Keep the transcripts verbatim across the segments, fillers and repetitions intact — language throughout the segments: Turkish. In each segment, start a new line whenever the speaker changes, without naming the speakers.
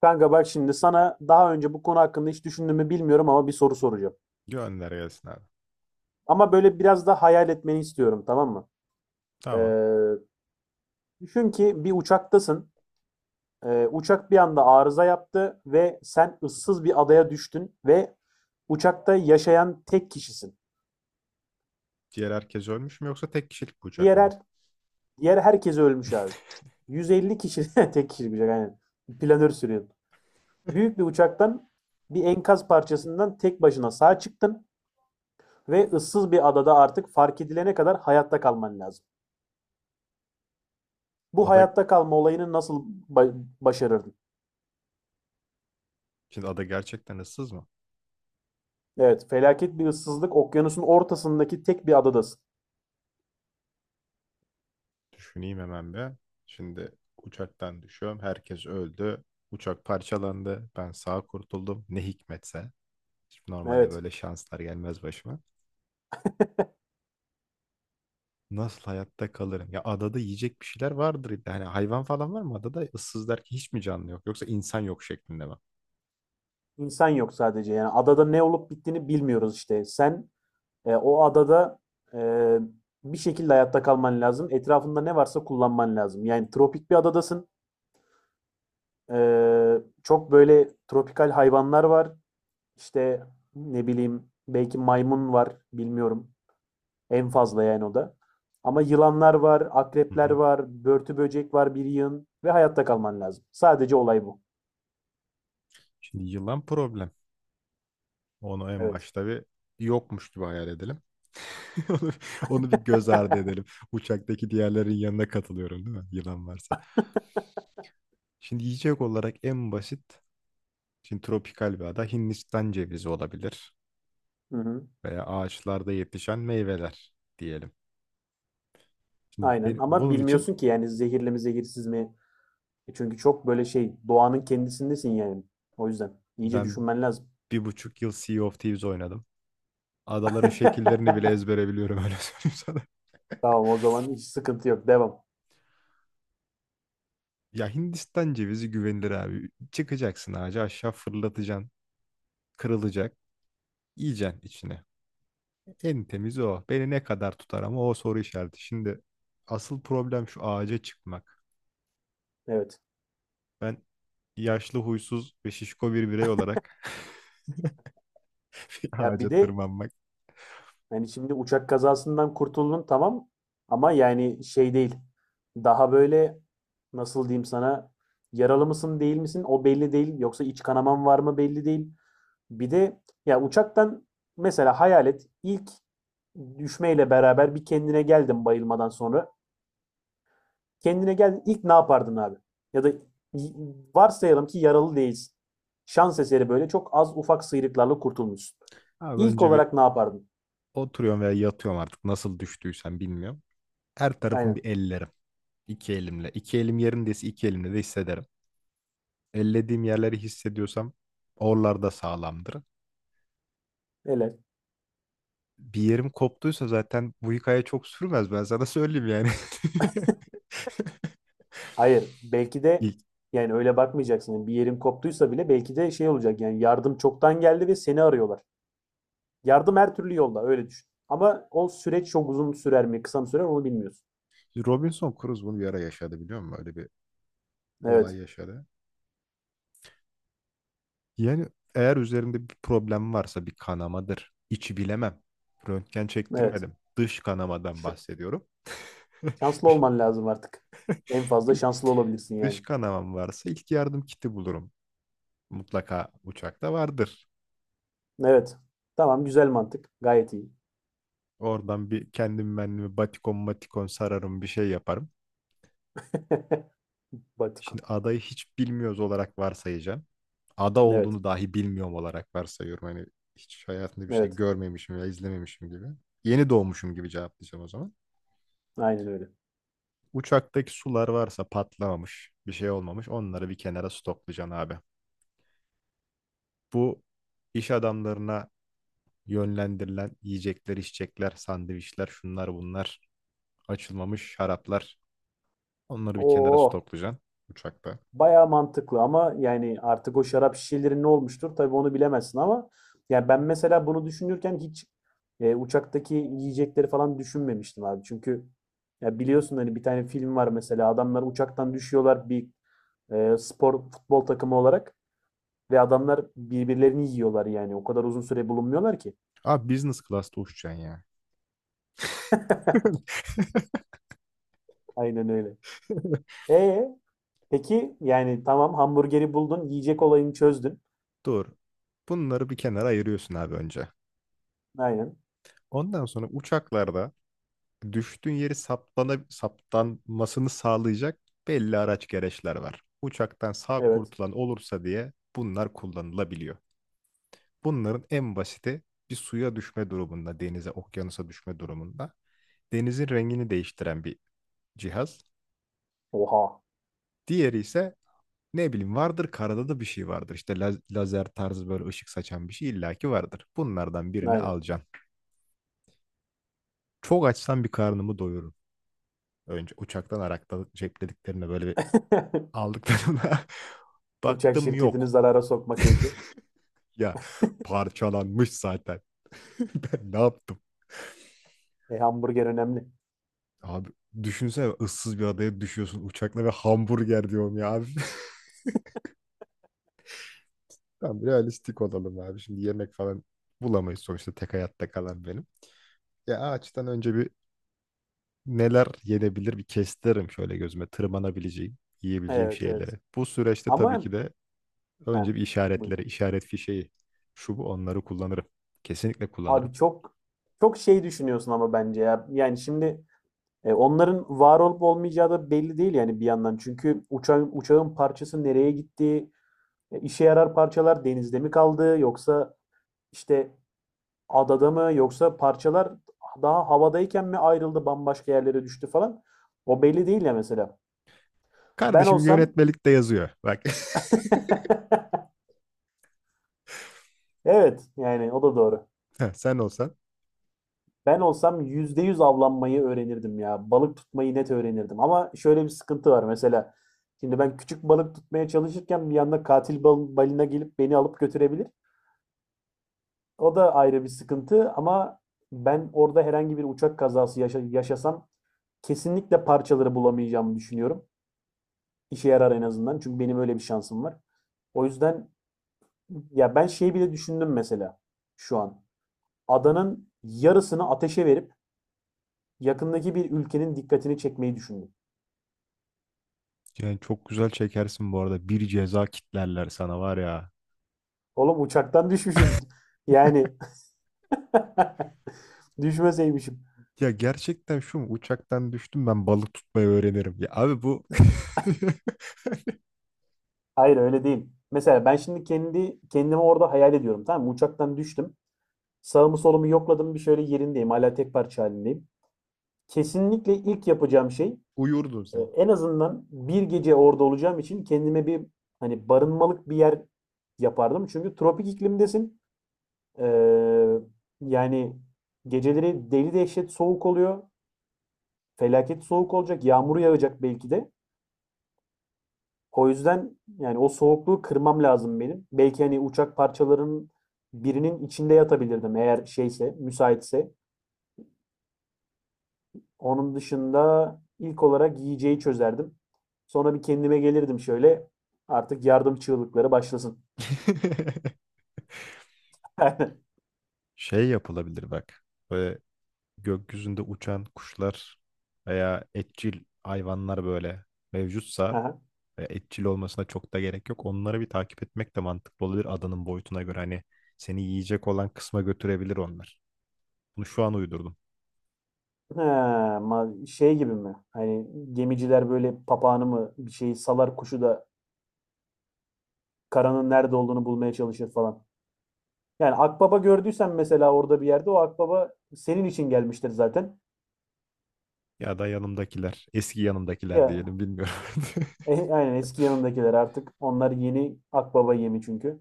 Kanka bak şimdi sana daha önce bu konu hakkında hiç düşündüğümü bilmiyorum ama bir soru soracağım.
Gönder gelsin abi.
Ama böyle biraz da hayal etmeni istiyorum, tamam mı?
Tamam.
Ee, Düşün ki bir uçaktasın. Ee, uçak bir anda arıza yaptı ve sen ıssız bir adaya düştün ve uçakta yaşayan tek kişisin.
Diğer herkes ölmüş mü yoksa tek kişilik bir uçak
Diğer
mı bu?
her, Diğer herkes ölmüş abi. yüz elli kişi tek kişi bir şey aynen. Planör sürüyorsun. Büyük bir uçaktan bir enkaz parçasından tek başına sağ çıktın ve ıssız bir adada artık fark edilene kadar hayatta kalman lazım. Bu
Ada,
hayatta kalma olayını nasıl ba- başarırdın?
şimdi ada gerçekten ıssız mı?
Evet, felaket bir ıssızlık, okyanusun ortasındaki tek bir adadasın.
Düşüneyim hemen bir. Şimdi uçaktan düşüyorum. Herkes öldü. Uçak parçalandı. Ben sağ kurtuldum. Ne hikmetse. Şimdi normalde
Evet,
böyle şanslar gelmez başıma. Nasıl hayatta kalırım? Ya adada yiyecek bir şeyler vardır illa. Hani hayvan falan var mı adada? Issız derken hiç mi canlı yok? Yoksa insan yok şeklinde mi?
insan yok sadece. Yani adada ne olup bittiğini bilmiyoruz işte. Sen e, o adada e, bir şekilde hayatta kalman lazım. Etrafında ne varsa kullanman lazım. Yani tropik bir adadasın. E, çok böyle tropikal hayvanlar var. İşte ne bileyim belki maymun var, bilmiyorum. En fazla yani o da. Ama yılanlar var,
Hı
akrepler
hı.
var, börtü böcek var bir yığın ve hayatta kalman lazım. Sadece olay bu.
Şimdi yılan problem. Onu en
Evet.
başta bir yokmuş gibi hayal edelim. Onu, onu bir göz ardı edelim. Uçaktaki diğerlerin yanına katılıyorum değil mi? Yılan varsa. Şimdi yiyecek olarak en basit, şimdi tropikal bir ada Hindistan cevizi olabilir
Hı hı.
veya ağaçlarda yetişen meyveler diyelim. Şimdi
Aynen
ben-
ama
bunun için
bilmiyorsun ki yani, zehirli mi zehirsiz mi? E Çünkü çok böyle şey, doğanın kendisindesin yani. O yüzden iyice
ben
düşünmen lazım.
bir buçuk yıl Sea of Thieves oynadım. Adaların şekillerini bile ezbere biliyorum öyle söyleyeyim sana.
Tamam, o zaman hiç sıkıntı yok. Devam.
Ya Hindistan cevizi güvenilir abi. Çıkacaksın ağaca aşağı fırlatacaksın. Kırılacak. Yiyeceksin içine. En temiz o. Beni ne kadar tutar ama o soru işareti. Şimdi asıl problem şu ağaca çıkmak.
Evet.
Ben yaşlı, huysuz ve şişko bir birey olarak bir
Ya bir
ağaca
de,
tırmanmak.
yani şimdi uçak kazasından kurtuldun tamam ama yani şey değil. Daha böyle nasıl diyeyim sana, yaralı mısın değil misin o belli değil. Yoksa iç kanaman var mı belli değil. Bir de ya uçaktan mesela hayal et, ilk düşmeyle beraber bir kendine geldin bayılmadan sonra. Kendine geldin, ilk ne yapardın abi? Ya da y- varsayalım ki yaralı değilsin. Şans eseri böyle çok az ufak sıyrıklarla kurtulmuşsun.
Abi
İlk
önce bir
olarak ne yapardın?
oturuyorum veya yatıyorum artık nasıl düştüysem bilmiyorum. Her tarafım
Aynen.
bir ellerim. İki elimle. İki elim yerindeyse iki elimle de hissederim. Ellediğim yerleri hissediyorsam oralarda sağlamdır.
Helal.
Bir yerim koptuysa zaten bu hikaye çok sürmez ben sana söyleyeyim yani.
Hayır, belki de
İlk
yani öyle bakmayacaksın. Yani bir yerin koptuysa bile belki de şey olacak, yani yardım çoktan geldi ve seni arıyorlar. Yardım her türlü yolda öyle düşün. Ama o süreç çok uzun sürer mi, kısa mı sürer onu bilmiyorsun.
Robinson Crusoe bunu bir ara yaşadı biliyor musun? Öyle bir olay
Evet,
yaşadı. Yani eğer üzerinde bir problem varsa bir kanamadır. İçi bilemem. Röntgen
evet.
çektirmedim. Dış kanamadan
Ş-
bahsediyorum.
Şanslı olman lazım artık. En fazla
Bir
şanslı olabilirsin yani.
dış kanamam varsa ilk yardım kiti bulurum. Mutlaka uçakta vardır.
Evet. Tamam, güzel mantık. Gayet iyi.
Oradan bir kendim benliğime batikon matikon sararım bir şey yaparım.
Batikon.
Şimdi adayı hiç bilmiyoruz olarak varsayacağım. Ada
Evet,
olduğunu dahi bilmiyorum olarak varsayıyorum. Hani hiç hayatımda bir şey
evet.
görmemişim ya izlememişim gibi. Yeni doğmuşum gibi cevaplayacağım o zaman.
Aynen öyle.
Uçaktaki sular varsa patlamamış, bir şey olmamış. Onları bir kenara stoklayacaksın abi. Bu iş adamlarına yönlendirilen yiyecekler, içecekler, sandviçler, şunlar bunlar, açılmamış şaraplar. Onları bir kenara
Oo.
stoklayacaksın uçakta.
Bayağı mantıklı ama yani artık o şarap şişeleri ne olmuştur tabii onu bilemezsin ama yani ben mesela bunu düşünürken hiç e, uçaktaki yiyecekleri falan düşünmemiştim abi. Çünkü ya biliyorsun hani bir tane film var, mesela adamlar uçaktan düşüyorlar, bir e, spor futbol takımı olarak ve adamlar birbirlerini yiyorlar, yani o kadar uzun süre bulunmuyorlar ki.
Abi business class'ta uçacaksın ya.
Aynen öyle. E peki yani tamam, hamburgeri buldun, yiyecek olayını çözdün.
Doğru. Bunları bir kenara ayırıyorsun abi önce.
Aynen.
Ondan sonra uçaklarda düştüğün yeri saptana, saptanmasını sağlayacak belli araç gereçler var. Uçaktan sağ
Evet.
kurtulan olursa diye bunlar kullanılabiliyor. Bunların en basiti bir suya düşme durumunda, denize, okyanusa düşme durumunda denizin rengini değiştiren bir cihaz.
Oha.
Diğeri ise ne bileyim vardır karada da bir şey vardır. İşte la- lazer tarzı böyle ışık saçan bir şey illaki vardır. Bunlardan birini
Aynen.
alacaksın. Çok açsam bir karnımı doyururum. Önce uçaktan Arak'ta ceplediklerine böyle bir aldıklarına
Uçak
baktım
şirketini
yok.
zarara sokma keyfi.
Ya parçalanmış zaten. Ben ne yaptım?
E, hamburger önemli.
Abi düşünsene ıssız bir adaya düşüyorsun uçakla ve hamburger diyorum ya abi. Tamam
Nasıl yedin
realistik
onu?
olalım abi. Şimdi yemek falan bulamayız sonuçta tek hayatta kalan benim. Ya ağaçtan önce bir neler yenebilir bir kestirim şöyle gözüme tırmanabileceğim, yiyebileceğim
Evet, evet.
şeyleri. Bu süreçte tabii
Ama
ki de
heh,
önce bir
buyur.
işaretleri, işaret fişeği, şu bu onları kullanırım. Kesinlikle kullanırım.
Abi çok çok şey düşünüyorsun ama bence ya. Yani şimdi e, onların var olup olmayacağı da belli değil yani bir yandan. Çünkü uçağın uçağın parçası nereye gitti? E, işe yarar parçalar denizde mi kaldı yoksa işte adada mı, yoksa parçalar daha havadayken mi ayrıldı, bambaşka yerlere düştü falan. O belli değil ya mesela. Ben
Kardeşim
olsam
yönetmelikte yazıyor. Bak.
evet yani o da doğru.
Heh, sen olsan.
Ben olsam yüzde yüz avlanmayı öğrenirdim ya. Balık tutmayı net öğrenirdim. Ama şöyle bir sıkıntı var mesela. Şimdi ben küçük balık tutmaya çalışırken bir yanda katil bal balina gelip beni alıp götürebilir. O da ayrı bir sıkıntı ama ben orada herhangi bir uçak kazası yaşa- yaşasam kesinlikle parçaları bulamayacağımı düşünüyorum. İşe yarar, en azından. Çünkü benim öyle bir şansım var. O yüzden ya ben şeyi bile düşündüm, mesela şu an. Adanın yarısını ateşe verip yakındaki bir ülkenin dikkatini çekmeyi düşündüm.
Yani çok güzel çekersin bu arada. Bir ceza kitlerler sana var ya.
Oğlum uçaktan düşmüşüm. Yani düşmeseymişim.
Ya gerçekten şu mu? Uçaktan düştüm ben balık tutmayı öğrenirim. Ya abi bu
Hayır, öyle değil. Mesela ben şimdi kendi kendimi orada hayal ediyorum, tamam mı? Uçaktan düştüm. Sağımı solumu yokladım, bir şöyle yerindeyim. Hala tek parça halindeyim. Kesinlikle ilk yapacağım şey,
uyurdun
e,
sen.
en azından bir gece orada olacağım için kendime bir hani barınmalık bir yer yapardım. Çünkü tropik iklimdesin. Ee, Yani geceleri deli dehşet soğuk oluyor. Felaket soğuk olacak. Yağmur yağacak belki de. O yüzden yani o soğukluğu kırmam lazım benim. Belki hani uçak parçalarının birinin içinde yatabilirdim, eğer şeyse, müsaitse. Onun dışında ilk olarak yiyeceği çözerdim. Sonra bir kendime gelirdim şöyle. Artık yardım çığlıkları başlasın.
Şey yapılabilir bak. Böyle gökyüzünde uçan kuşlar veya etçil hayvanlar böyle mevcutsa
Aha.
ve etçil olmasına çok da gerek yok. Onları bir takip etmek de mantıklı olabilir adanın boyutuna göre. Hani seni yiyecek olan kısma götürebilir onlar. Bunu şu an uydurdum.
Ha, ma- şey gibi mi? Hani gemiciler böyle papağanı mı bir şeyi salar, kuşu da karanın nerede olduğunu bulmaya çalışır falan. Yani akbaba gördüysen mesela, orada bir yerde o akbaba senin için gelmiştir zaten.
Ya da yanımdakiler, eski yanımdakiler
Ya
diyelim bilmiyorum.
e, aynen, eski yanındakiler artık onlar yeni akbaba yemi çünkü.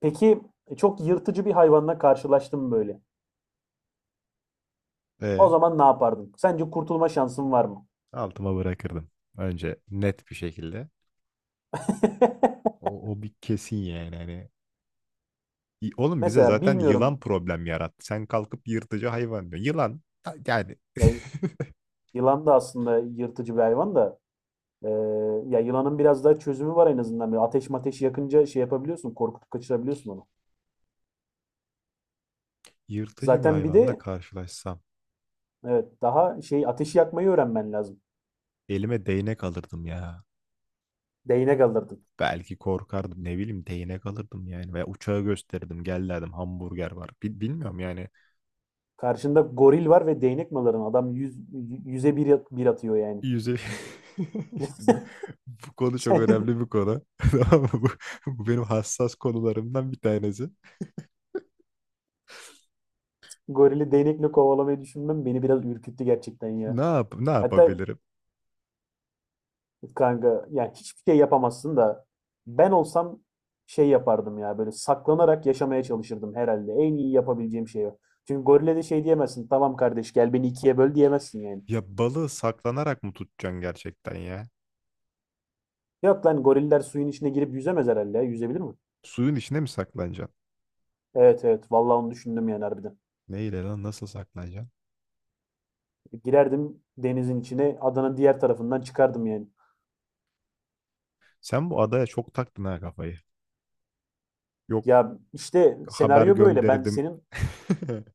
Peki e, çok yırtıcı bir hayvanla karşılaştın mı böyle? O
E,
zaman ne yapardın? Sence kurtulma şansın var mı?
altıma bırakırdım. Önce net bir şekilde. O, o bir kesin yani hani Y- oğlum bize
Mesela
zaten
bilmiyorum.
yılan problem yarattı. Sen kalkıp yırtıcı hayvan diyorsun. Yılan ha- yani
Ya yılan da aslında yırtıcı bir hayvan da e, ya yılanın biraz daha çözümü var en azından. Böyle ateş mateş yakınca şey yapabiliyorsun, korkutup kaçırabiliyorsun onu.
yırtıcı bir
Zaten bir
hayvanla
de
karşılaşsam
evet, daha şey, ateşi yakmayı öğrenmen lazım.
elime değnek alırdım ya.
Değnek alırdın.
Belki korkardım ne bileyim değnek alırdım yani. Veya uçağı gösterirdim gel derdim hamburger var. Bil- bilmiyorum yani.
Karşında goril var ve değnek mi alırdın? Adam yüz, yüze bir, bir atıyor yani.
Yüze... bu, bu konu çok
Sen
önemli bir konu. Tamam mı? bu, bu benim hassas konularımdan bir tanesi.
gorili değnekle kovalamayı düşünmem beni biraz ürküttü gerçekten ya.
Ne yap ne
Hatta
yapabilirim?
kanka yani hiçbir şey yapamazsın da, ben olsam şey yapardım ya, böyle saklanarak yaşamaya çalışırdım herhalde. En iyi yapabileceğim şey o. Çünkü gorile de şey diyemezsin. Tamam kardeş, gel beni ikiye böl diyemezsin yani.
Ya balığı saklanarak mı tutacaksın gerçekten ya?
Yok lan, goriller suyun içine girip yüzemez herhalde ya. Yüzebilir mi?
Suyun içine mi saklanacaksın?
Evet, evet. Vallahi onu düşündüm yani, harbiden.
Neyle lan nasıl saklanacaksın?
Girerdim denizin içine, adanın diğer tarafından çıkardım yani.
Sen bu adaya çok taktın ha kafayı. Yok,
Ya işte
haber
senaryo böyle. Ben
gönderdim.
senin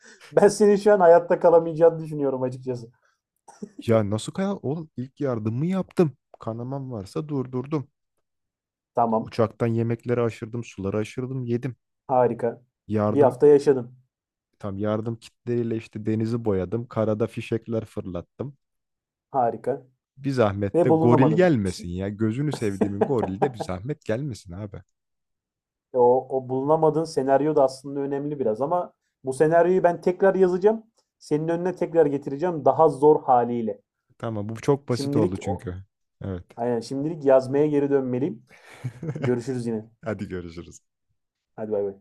ben senin şu an hayatta kalamayacağını düşünüyorum açıkçası.
Ya nasıl kaya? Oğlum ilk yardımımı yaptım. Kanamam varsa durdurdum.
Tamam,
Uçaktan yemekleri aşırdım, suları aşırdım, yedim.
harika. Bir
Yardım
hafta yaşadın.
tam yardım kitleriyle işte denizi boyadım. Karada fişekler fırlattım.
Harika.
Bir zahmet
Ve
de goril
bulunamadın. İşte.
gelmesin ya. Gözünü sevdiğimin gorili de bir zahmet gelmesin abi.
O, o bulunamadığın senaryo da aslında önemli biraz ama bu senaryoyu ben tekrar yazacağım. Senin önüne tekrar getireceğim daha zor haliyle.
Tamam bu çok basit oldu
Şimdilik o,
çünkü. Evet.
aynen, şimdilik yazmaya geri dönmeliyim. Görüşürüz yine.
Hadi görüşürüz.
Hadi bay bay.